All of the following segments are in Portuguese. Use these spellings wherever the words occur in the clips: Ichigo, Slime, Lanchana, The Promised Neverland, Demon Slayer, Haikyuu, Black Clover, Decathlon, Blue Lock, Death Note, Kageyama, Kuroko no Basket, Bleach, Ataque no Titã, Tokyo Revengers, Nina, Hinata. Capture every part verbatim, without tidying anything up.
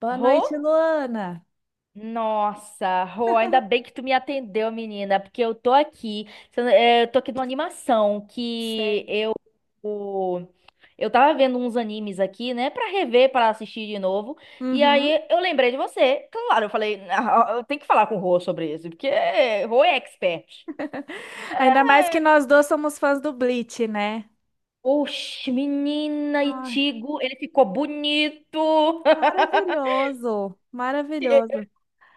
Boa Rô? noite, Luana. Nossa, Rô, ainda bem que tu me atendeu, menina, porque eu tô aqui, se eu não- eh, eu tô aqui numa animação que Sério. eu o- eu tava vendo uns animes aqui, né, pra rever, pra assistir de novo. E Uhum. aí eu lembrei de você. Claro, eu falei: "Ah, eu tenho que falar com o Rô sobre isso, porque Rô é expert." Ainda mais que É. nós dois somos fãs do Bleach, né? Oxe, menina, Ai, Itigo, ele ficou bonito. maravilhoso, maravilhoso.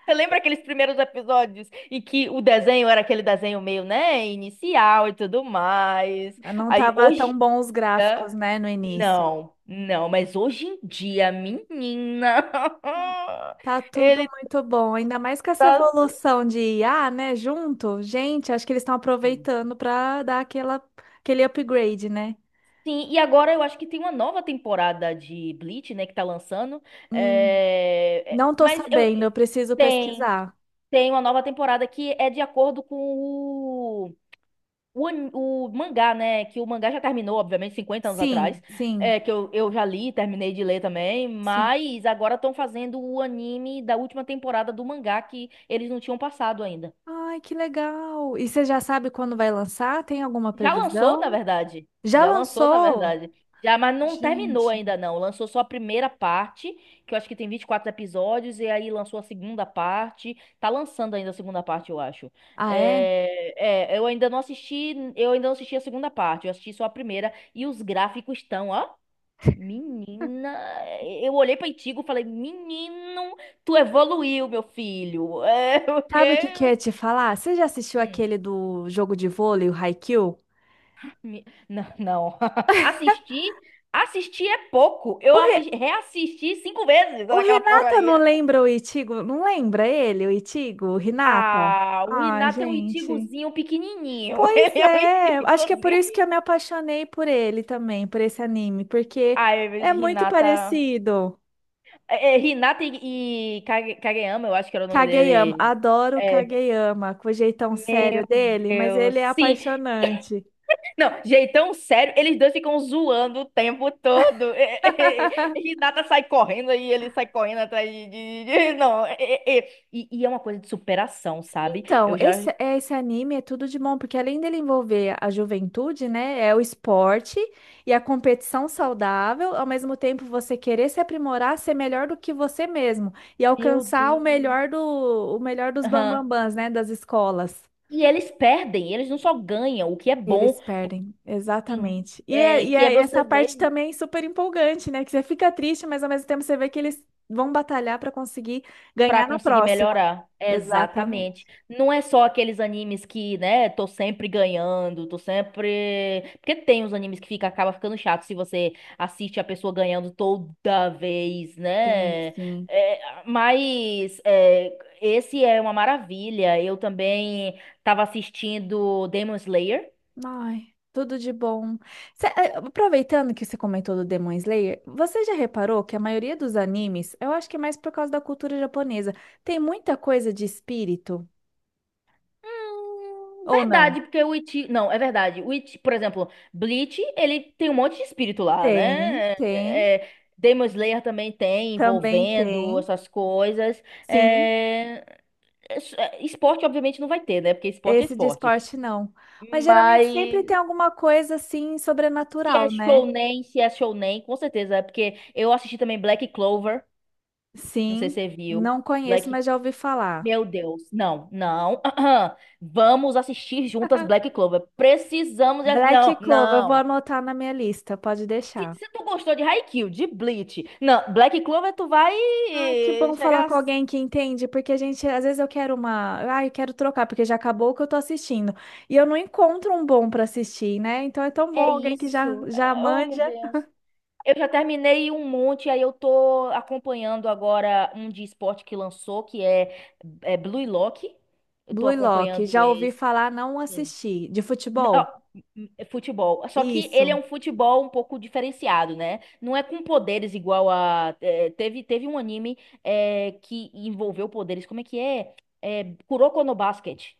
Você lembra aqueles primeiros episódios em que o desenho era aquele desenho meio, né, inicial e tudo mais? Não Aí tava hoje tão bom os em dia, gráficos, né, no início. não, não, mas hoje em dia, menina, Não. Tá tudo ele muito bom, ainda mais com essa tá evolução de I A, né, junto. Gente, acho que eles estão assim. aproveitando para dar aquela, aquele upgrade, né? Sim, e agora eu acho que tem uma nova temporada de Bleach, né, que tá lançando. Hum, É, é, não tô Mas eu sabendo, eu preciso tem, pesquisar. tem uma nova temporada que é de acordo com o O, an- o mangá, né? Que o mangá já terminou, obviamente, cinquenta anos atrás. Sim, sim, É, que eu, eu já li, terminei de ler também. sim. Mas agora estão fazendo o anime da última temporada do mangá que eles não tinham passado ainda. Ai, que legal! E você já sabe quando vai lançar? Tem alguma Já lançou, na previsão? verdade. Já Já lançou, na lançou? verdade. Já, mas não terminou Gente. ainda, não. Lançou só a primeira parte, que eu acho que tem vinte e quatro episódios, e aí lançou a segunda parte. Tá lançando ainda a segunda parte, eu acho. Ah, é? É, é, eu ainda não assisti, eu ainda não assisti a segunda parte, eu assisti só a primeira, e os gráficos estão, ó. Menina, eu olhei pra Itigo e falei, menino, tu evoluiu, meu filho. É, o Sabe o quê? que que eu ia te falar? Você já assistiu aquele do jogo de vôlei, o Haikyuu? Mi- Não, não. Assistir, assistir é pouco. Eu O, Re... assis- reassisti cinco vezes o naquela Renata não porcaria. lembra o Itigo? Não lembra ele, o Itigo? O Renata? Ah, o Ah, Renata é um gente. Ichigozinho pequenininho. Pois Ele é um é, acho que é por Ichigozinho. isso que eu me apaixonei por ele também, por esse anime, porque Ai, mas é muito Hinata... parecido. É, é, Hinata e, e Kage- Kageyama, eu acho que era o nome Kageyama, dele. adoro o É, meu Kageyama, com o jeitão sério dele, mas Deus. ele é Sim. apaixonante. Não, jeitão sério, eles dois ficam zoando o tempo todo. Renata sai correndo e ele sai correndo atrás de. de- de- não, é- é- é. E, e é uma coisa de superação, sabe? Então, Eu já. esse, esse anime é tudo de bom, porque além dele envolver a juventude, né, é o esporte e a competição saudável, ao mesmo tempo você querer se aprimorar, ser melhor do que você mesmo e Meu alcançar o Deus. melhor do, o melhor dos Aham. bambambãs, né, das escolas. E eles perdem, eles não só ganham, o que é bom. Eles perdem, Sim. exatamente. E, é, É, e que é é você essa parte ver. também super empolgante, né? Que você fica triste, mas ao mesmo tempo você vê que eles vão batalhar para conseguir Pra ganhar na conseguir próxima. melhorar. Exatamente. Exatamente. Não é só aqueles animes que, né, tô sempre ganhando, tô sempre. Porque tem os animes que fica, acaba ficando chato se você assiste a pessoa ganhando toda vez, Sim, né? sim. É, mas é, esse é uma maravilha. Eu também tava assistindo Demon Slayer. Ai, tudo de bom. Cê- eh, aproveitando que você comentou do Demon Slayer, você já reparou que a maioria dos animes, eu acho que é mais por causa da cultura japonesa, tem muita coisa de espírito? Hum, Ou não? Verdade, porque o Iti. Não, é verdade. O Iti... Por exemplo, Bleach, ele tem um monte de espírito lá, Tem, né? tem. É... Demon Slayer também tem, Também envolvendo tem. essas coisas. Sim. É, es- é, esporte, obviamente, não vai ter, né? Porque esporte é Esse de esporte. esporte não. Mas geralmente Mas sempre tem alguma coisa assim se é sobrenatural, né? shounen, se é shounen, com certeza. É porque eu assisti também Black Clover. Não sei se Sim, você viu. não conheço, Black mas já ouvi falar. Meu Deus, não, não. Vamos assistir juntas Black Clover. Precisamos. de ass- Black Não, Clover, eu vou não. anotar na minha lista, pode Se, deixar. se tu gostou de Haikyuu, de Bleach, não, Black Clover, tu vai Ai, que bom falar chegar. com a- alguém que entende, porque a gente, às vezes eu quero uma, ai, eu quero trocar, porque já acabou o que eu tô assistindo. E eu não encontro um bom pra assistir, né? Então é tão bom É alguém que já isso. já Oh, manja. meu Deus. Eu já terminei um monte, aí eu tô acompanhando agora um de esporte que lançou, que é, é Blue Lock. Eu tô Blue Lock, acompanhando já ouvi esse. falar, não assisti. De N- ó, futebol? é futebol. Só que ele é Isso, um futebol um pouco diferenciado, né? Não é com poderes igual a. É, teve, teve um anime é, que envolveu poderes. Como é que é? É, Kuroko no Basket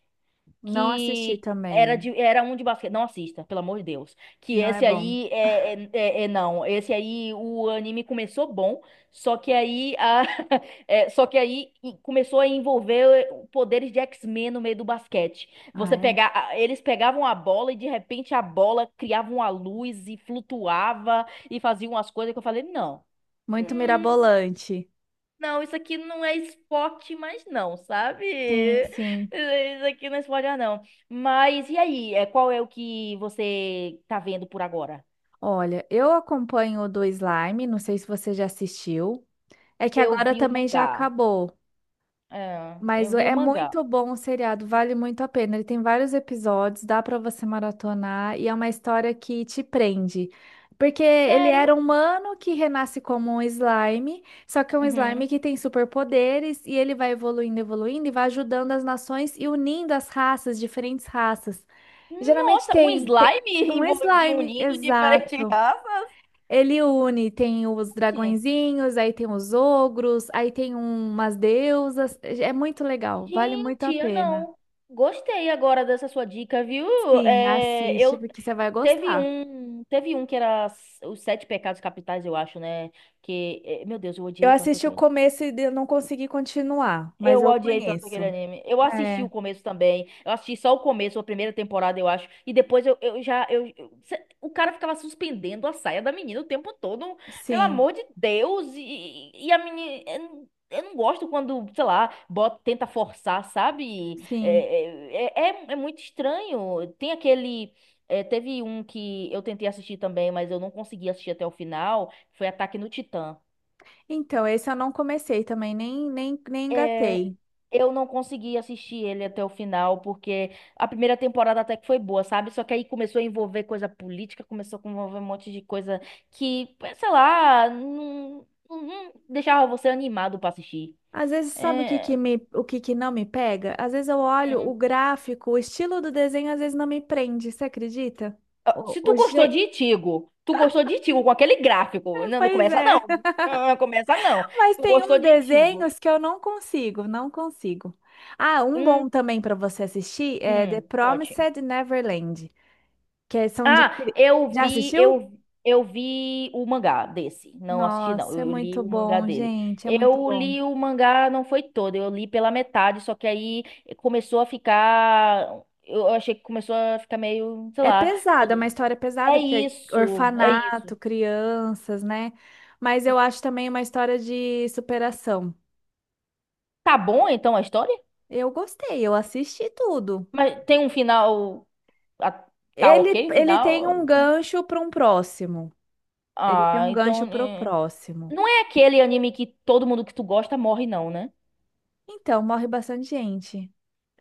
não assisti que era, também. de, era um de basquete. Não assista, pelo amor de Deus. Que Não é esse bom. aí é, é, é- é não. Esse aí o anime começou bom, só que aí a, é, só que aí e- começou a envolver poderes de X-Men no meio do basquete. Ah, Você é. pegar, a- eles pegavam a bola e de repente a bola criava uma luz e flutuava e fazia umas coisas que eu falei, não. Muito Hum, mirabolante. não, isso aqui não é esporte, mas não, sabe? Sim, sim. Isso aqui não é esporte, mas não. Mas e aí? É, qual é o que você tá vendo por agora? Olha, eu acompanho o do Slime, não sei se você já assistiu. É que Eu agora vi o também já mangá. acabou. É, eu Mas vi o é mangá. muito bom o seriado, vale muito a pena. Ele tem vários episódios, dá para você maratonar e é uma história que te prende. Porque ele era Sério? um humano que renasce como um slime, só que é um Uhum. slime que tem superpoderes e ele vai evoluindo, evoluindo e vai ajudando as nações e unindo as raças, diferentes raças. E geralmente Nossa, um tem, tem slime um envolvido, slime, unido, diferente de exato. raça? Ele une, tem os dragõezinhos, aí tem os ogros, aí tem um- umas deusas. É muito legal, vale muito a Gente, eu pena. não. Gostei agora dessa sua dica, viu? Sim, É, assiste, eu porque você vai teve gostar. um, teve um que era s- os sete pecados capitais, eu acho, né? Que, é, meu Deus, eu Eu odiei tanto assisti o aquele. começo e eu não consegui continuar, mas Eu eu odiei tanto aquele conheço. anime. Eu assisti o É, começo também. Eu assisti só o começo, a primeira temporada, eu acho. E depois eu, eu já. Eu, eu- cê- o cara ficava suspendendo a saia da menina o tempo todo. Pelo sim, amor de Deus. E, e a menina. Eu, não, eu não gosto quando, sei lá, bota, tenta forçar, sabe? É, sim. é, é, é é muito estranho. Tem aquele. É, teve um que eu tentei assistir também, mas eu não consegui assistir até o final. Foi Ataque no Titã. Então, esse eu não comecei também, nem, nem, nem É, engatei. eu não consegui assistir ele até o final, porque a primeira temporada até que foi boa, sabe? Só que aí começou a envolver coisa política, começou a envolver um monte de coisa que, sei lá, não, não deixava você animado pra assistir. Às vezes, sabe o que É, que me, o que que não me pega? Às vezes eu olho o gráfico, o estilo do desenho, às vezes não me prende, você acredita? ah, O, se o, tu gostou de je- Itigo, tu gostou de Itigo com aquele gráfico, não, não Pois começa não, é, não começa não. mas Tu tem gostou uns de Itigo. desenhos que eu não consigo, não consigo. Ah, um Hum, bom também para você assistir é The hum, conte. Promised Neverland, que é- são de... Ah, cri- eu Já vi, assistiu? eu, eu vi o mangá desse. Não assisti, não. Nossa, é Eu li muito o mangá bom, dele. gente, é muito Eu bom. li o mangá, não foi todo, eu li pela metade, só que aí começou a ficar. Eu achei que começou a ficar meio, sei É lá. pesada, é uma todo- história É pesada, porque é isso, é orfanato, isso. crianças, né? Mas eu acho também uma história de superação. Tá bom então a história? Eu gostei, eu assisti tudo. Mas tem um final. ah, Tá Ele, ok o ele tem um final? gancho para um próximo. Ele tem Ah, um gancho então. para o eh, próximo. Não é aquele anime que todo mundo que tu gosta morre, não, né? Então, morre bastante gente.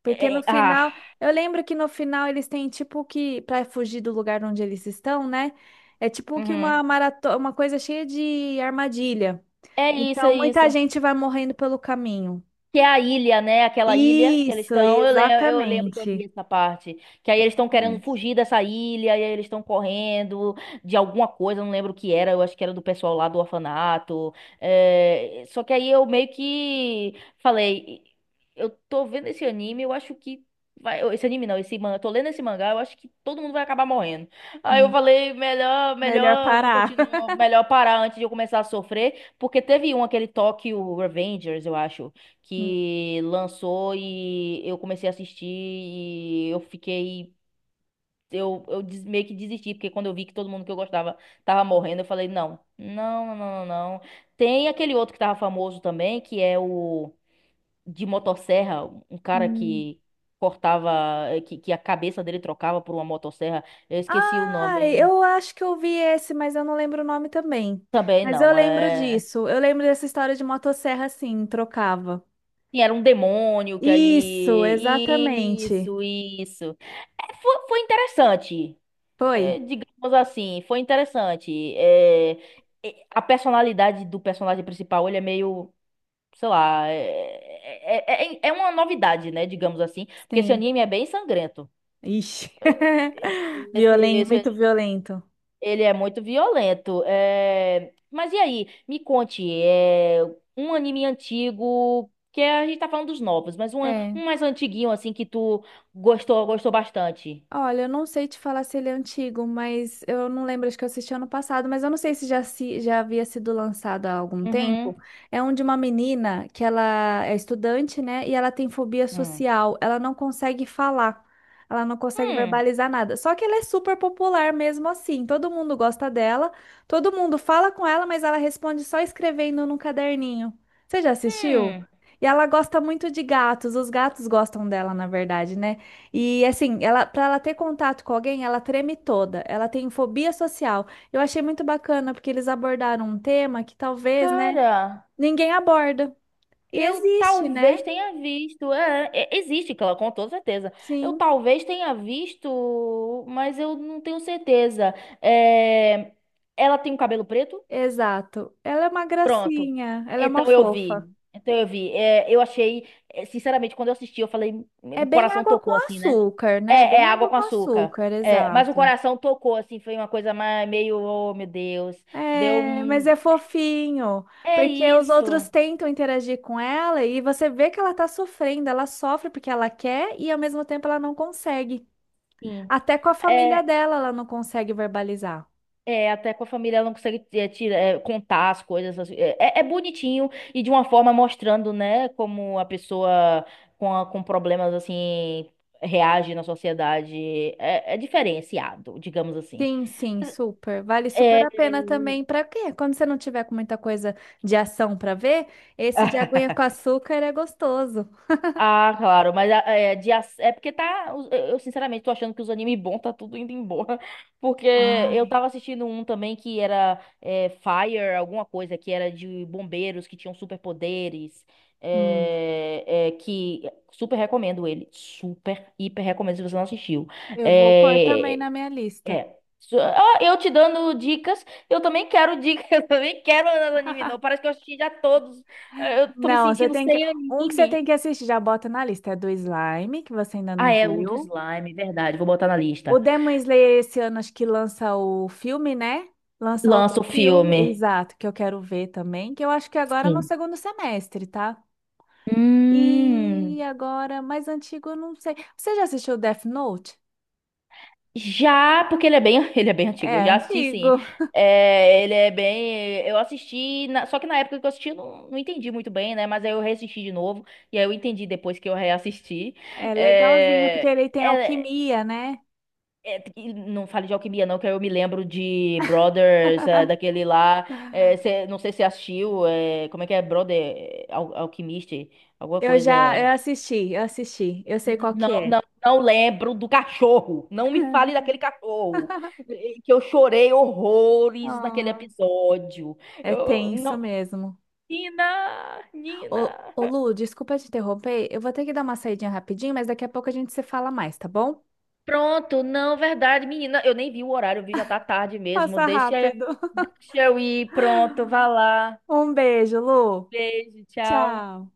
Porque no É- ah. final, eu lembro que no final eles têm tipo que, para fugir do lugar onde eles estão, né? É tipo que Uhum. uma maratona, uma coisa cheia de armadilha. É isso, é Então, isso. muita gente vai morrendo pelo caminho. Que é a ilha, né? Aquela ilha que eles Isso, estão. Eu, le- eu lembro que eu li exatamente. essa parte. Que aí eles estão querendo Exatamente. fugir dessa ilha, e aí eles estão correndo de alguma coisa, eu não lembro o que era, eu acho que era do pessoal lá do orfanato. É, só que aí eu meio que falei, eu tô vendo esse anime, eu acho que. vai- Esse anime não, esse mangá. Eu tô lendo esse mangá, eu acho que todo mundo vai acabar morrendo. Aí eu Sim. falei, melhor, Melhor melhor não parar. continuar, melhor parar antes de eu começar a sofrer, porque teve um, aquele Tokyo Revengers, eu acho Hum. que lançou e eu comecei a assistir e eu fiquei. Eu, eu des- meio que desisti, porque quando eu vi que todo mundo que eu gostava tava morrendo, eu falei, não, não, não, não, não. Não. Tem aquele outro que tava famoso também, que é o de motosserra, um cara Hum. que cortava, eh, que, que a cabeça dele trocava por uma motosserra. Eu esqueci o Ah, nome. eu acho que eu vi esse, mas eu não lembro o nome também. Também Mas eu não, lembro é... disso. Eu lembro dessa história de motosserra, assim, trocava. Sim, era um demônio que Isso, aí... exatamente. Isso, isso. É, foi, foi interessante. É, Foi? digamos assim, foi interessante. É, e- a personalidade do personagem principal, ele é meio, sei lá, é, é, é, é é uma novidade, né? Digamos assim, porque esse Sim. anime é bem sangrento. Ixi. Esse, Violento, esse, muito violento. ele é muito violento. É, mas e aí? Me conte, é, um anime antigo, que é, a gente tá falando dos novos, mas um, É. um mais antiguinho, assim, que tu gostou, gostou bastante. Olha, eu não sei te falar se ele é antigo, mas eu não lembro, acho que eu assisti ano passado, mas eu não sei se já, se já havia sido lançado há algum Uhum. tempo. É um de uma menina que ela é estudante, né? E ela tem fobia Hum. social, ela não consegue falar, ela não consegue Hum. verbalizar nada. Só que ela é super popular mesmo assim, todo mundo gosta dela, todo mundo fala com ela, mas ela responde só escrevendo num caderninho. Você já assistiu? Hum. E ela gosta muito de gatos, os gatos gostam dela, na verdade, né? E assim, ela, para ela ter contato com alguém, ela treme toda. Ela tem fobia social. Eu achei muito bacana porque eles abordaram um tema que talvez, né, Cara. ninguém aborda. E Eu existe, talvez né? tenha visto. É, é, existe, claro, com toda certeza. Eu Sim, talvez tenha visto, mas eu não tenho certeza. É, ela tem um cabelo preto? exato. Ela é uma Pronto. gracinha, ela é uma Então eu fofa. vi. Então eu vi. É, eu achei, é, sinceramente, quando eu assisti, eu falei, É o bem coração água tocou com assim, né? açúcar, né? É, é Bem água água com com açúcar. açúcar, É, mas o exato. coração tocou, assim, foi uma coisa mais, meio, oh meu Deus. Deu É, mas um. é fofinho, É porque os outros isso. tentam interagir com ela e você vê que ela tá sofrendo, ela sofre porque ela quer e ao mesmo tempo ela não consegue. Sim. Até com a família É, dela ela não consegue verbalizar. É, até com a família ela não consegue é, tirar, é, contar as coisas, assim. É, é- é bonitinho e de uma forma mostrando, né, como a pessoa com, a- com problemas assim reage na sociedade. É, é diferenciado, digamos assim. Sim, sim, super. Vale super É. a pena também para quê? Quando você não tiver com muita coisa de ação para ver, esse de aguinha com açúcar é gostoso. Ah, claro, mas a- é, de, ac- é porque tá. os- Eu eu, sinceramente tô achando que os animes bons tá tudo indo embora. Porque eu Ai, tava assistindo um também que era é, Fire, alguma coisa, que era de bombeiros que tinham superpoderes. hum, É, é, que super recomendo ele. Super, hiper recomendo se você não assistiu. eu vou pôr também É, na minha lista. é. Su- ah, Eu te dando dicas, eu também quero dicas, eu também quero anime, não. Parece que eu assisti já todos. Eu tô me Não, você sentindo tem que. sem Um que você tem anime. que assistir, já bota na lista, é do Slime, que você ainda não Ah, é o do viu. slime, verdade. Vou botar na O lista. Demon Slayer esse ano acho que lança o filme, né? Lança outro Lança o filme, filme. exato, que eu quero ver também, que eu acho que agora é no Sim. segundo semestre, tá? E Hum, agora, mais antigo, eu não sei. Você já assistiu Death Note? já, porque ele é bem, ele é bem É antigo. Eu já assisti, antigo. sim. É, ele é bem. Eu assisti, na- só que na época que eu assisti, eu não, não entendi muito bem, né? Mas aí eu reassisti de novo. E aí eu entendi depois que eu reassisti. É legalzinho, porque É, ele tem é, alquimia, né? É, e não fale de alquimia, não, que eu me lembro de Brothers, é, daquele lá. É, cê- não sei se você assistiu. É, como é que é? Brother, é, al Alquimista, alguma Eu coisa. já, eu assisti, eu assisti. Eu sei N- qual que Não, é. não, não lembro do cachorro. Não me fale daquele cachorro. e- Que eu chorei horrores naquele Ah, episódio. é Eu, tenso não. mesmo. Nina, Ô, Nina. ô, Lu, desculpa te interromper. Eu vou ter que dar uma saidinha rapidinho, mas daqui a pouco a gente se fala mais, tá bom? Pronto, não, verdade, menina. Eu nem vi o horário, eu vi já tá tarde mesmo. Passa Deixa, rápido. deixa eu ir, pronto, vá lá. Um beijo, Lu. Beijo, tchau. Tchau.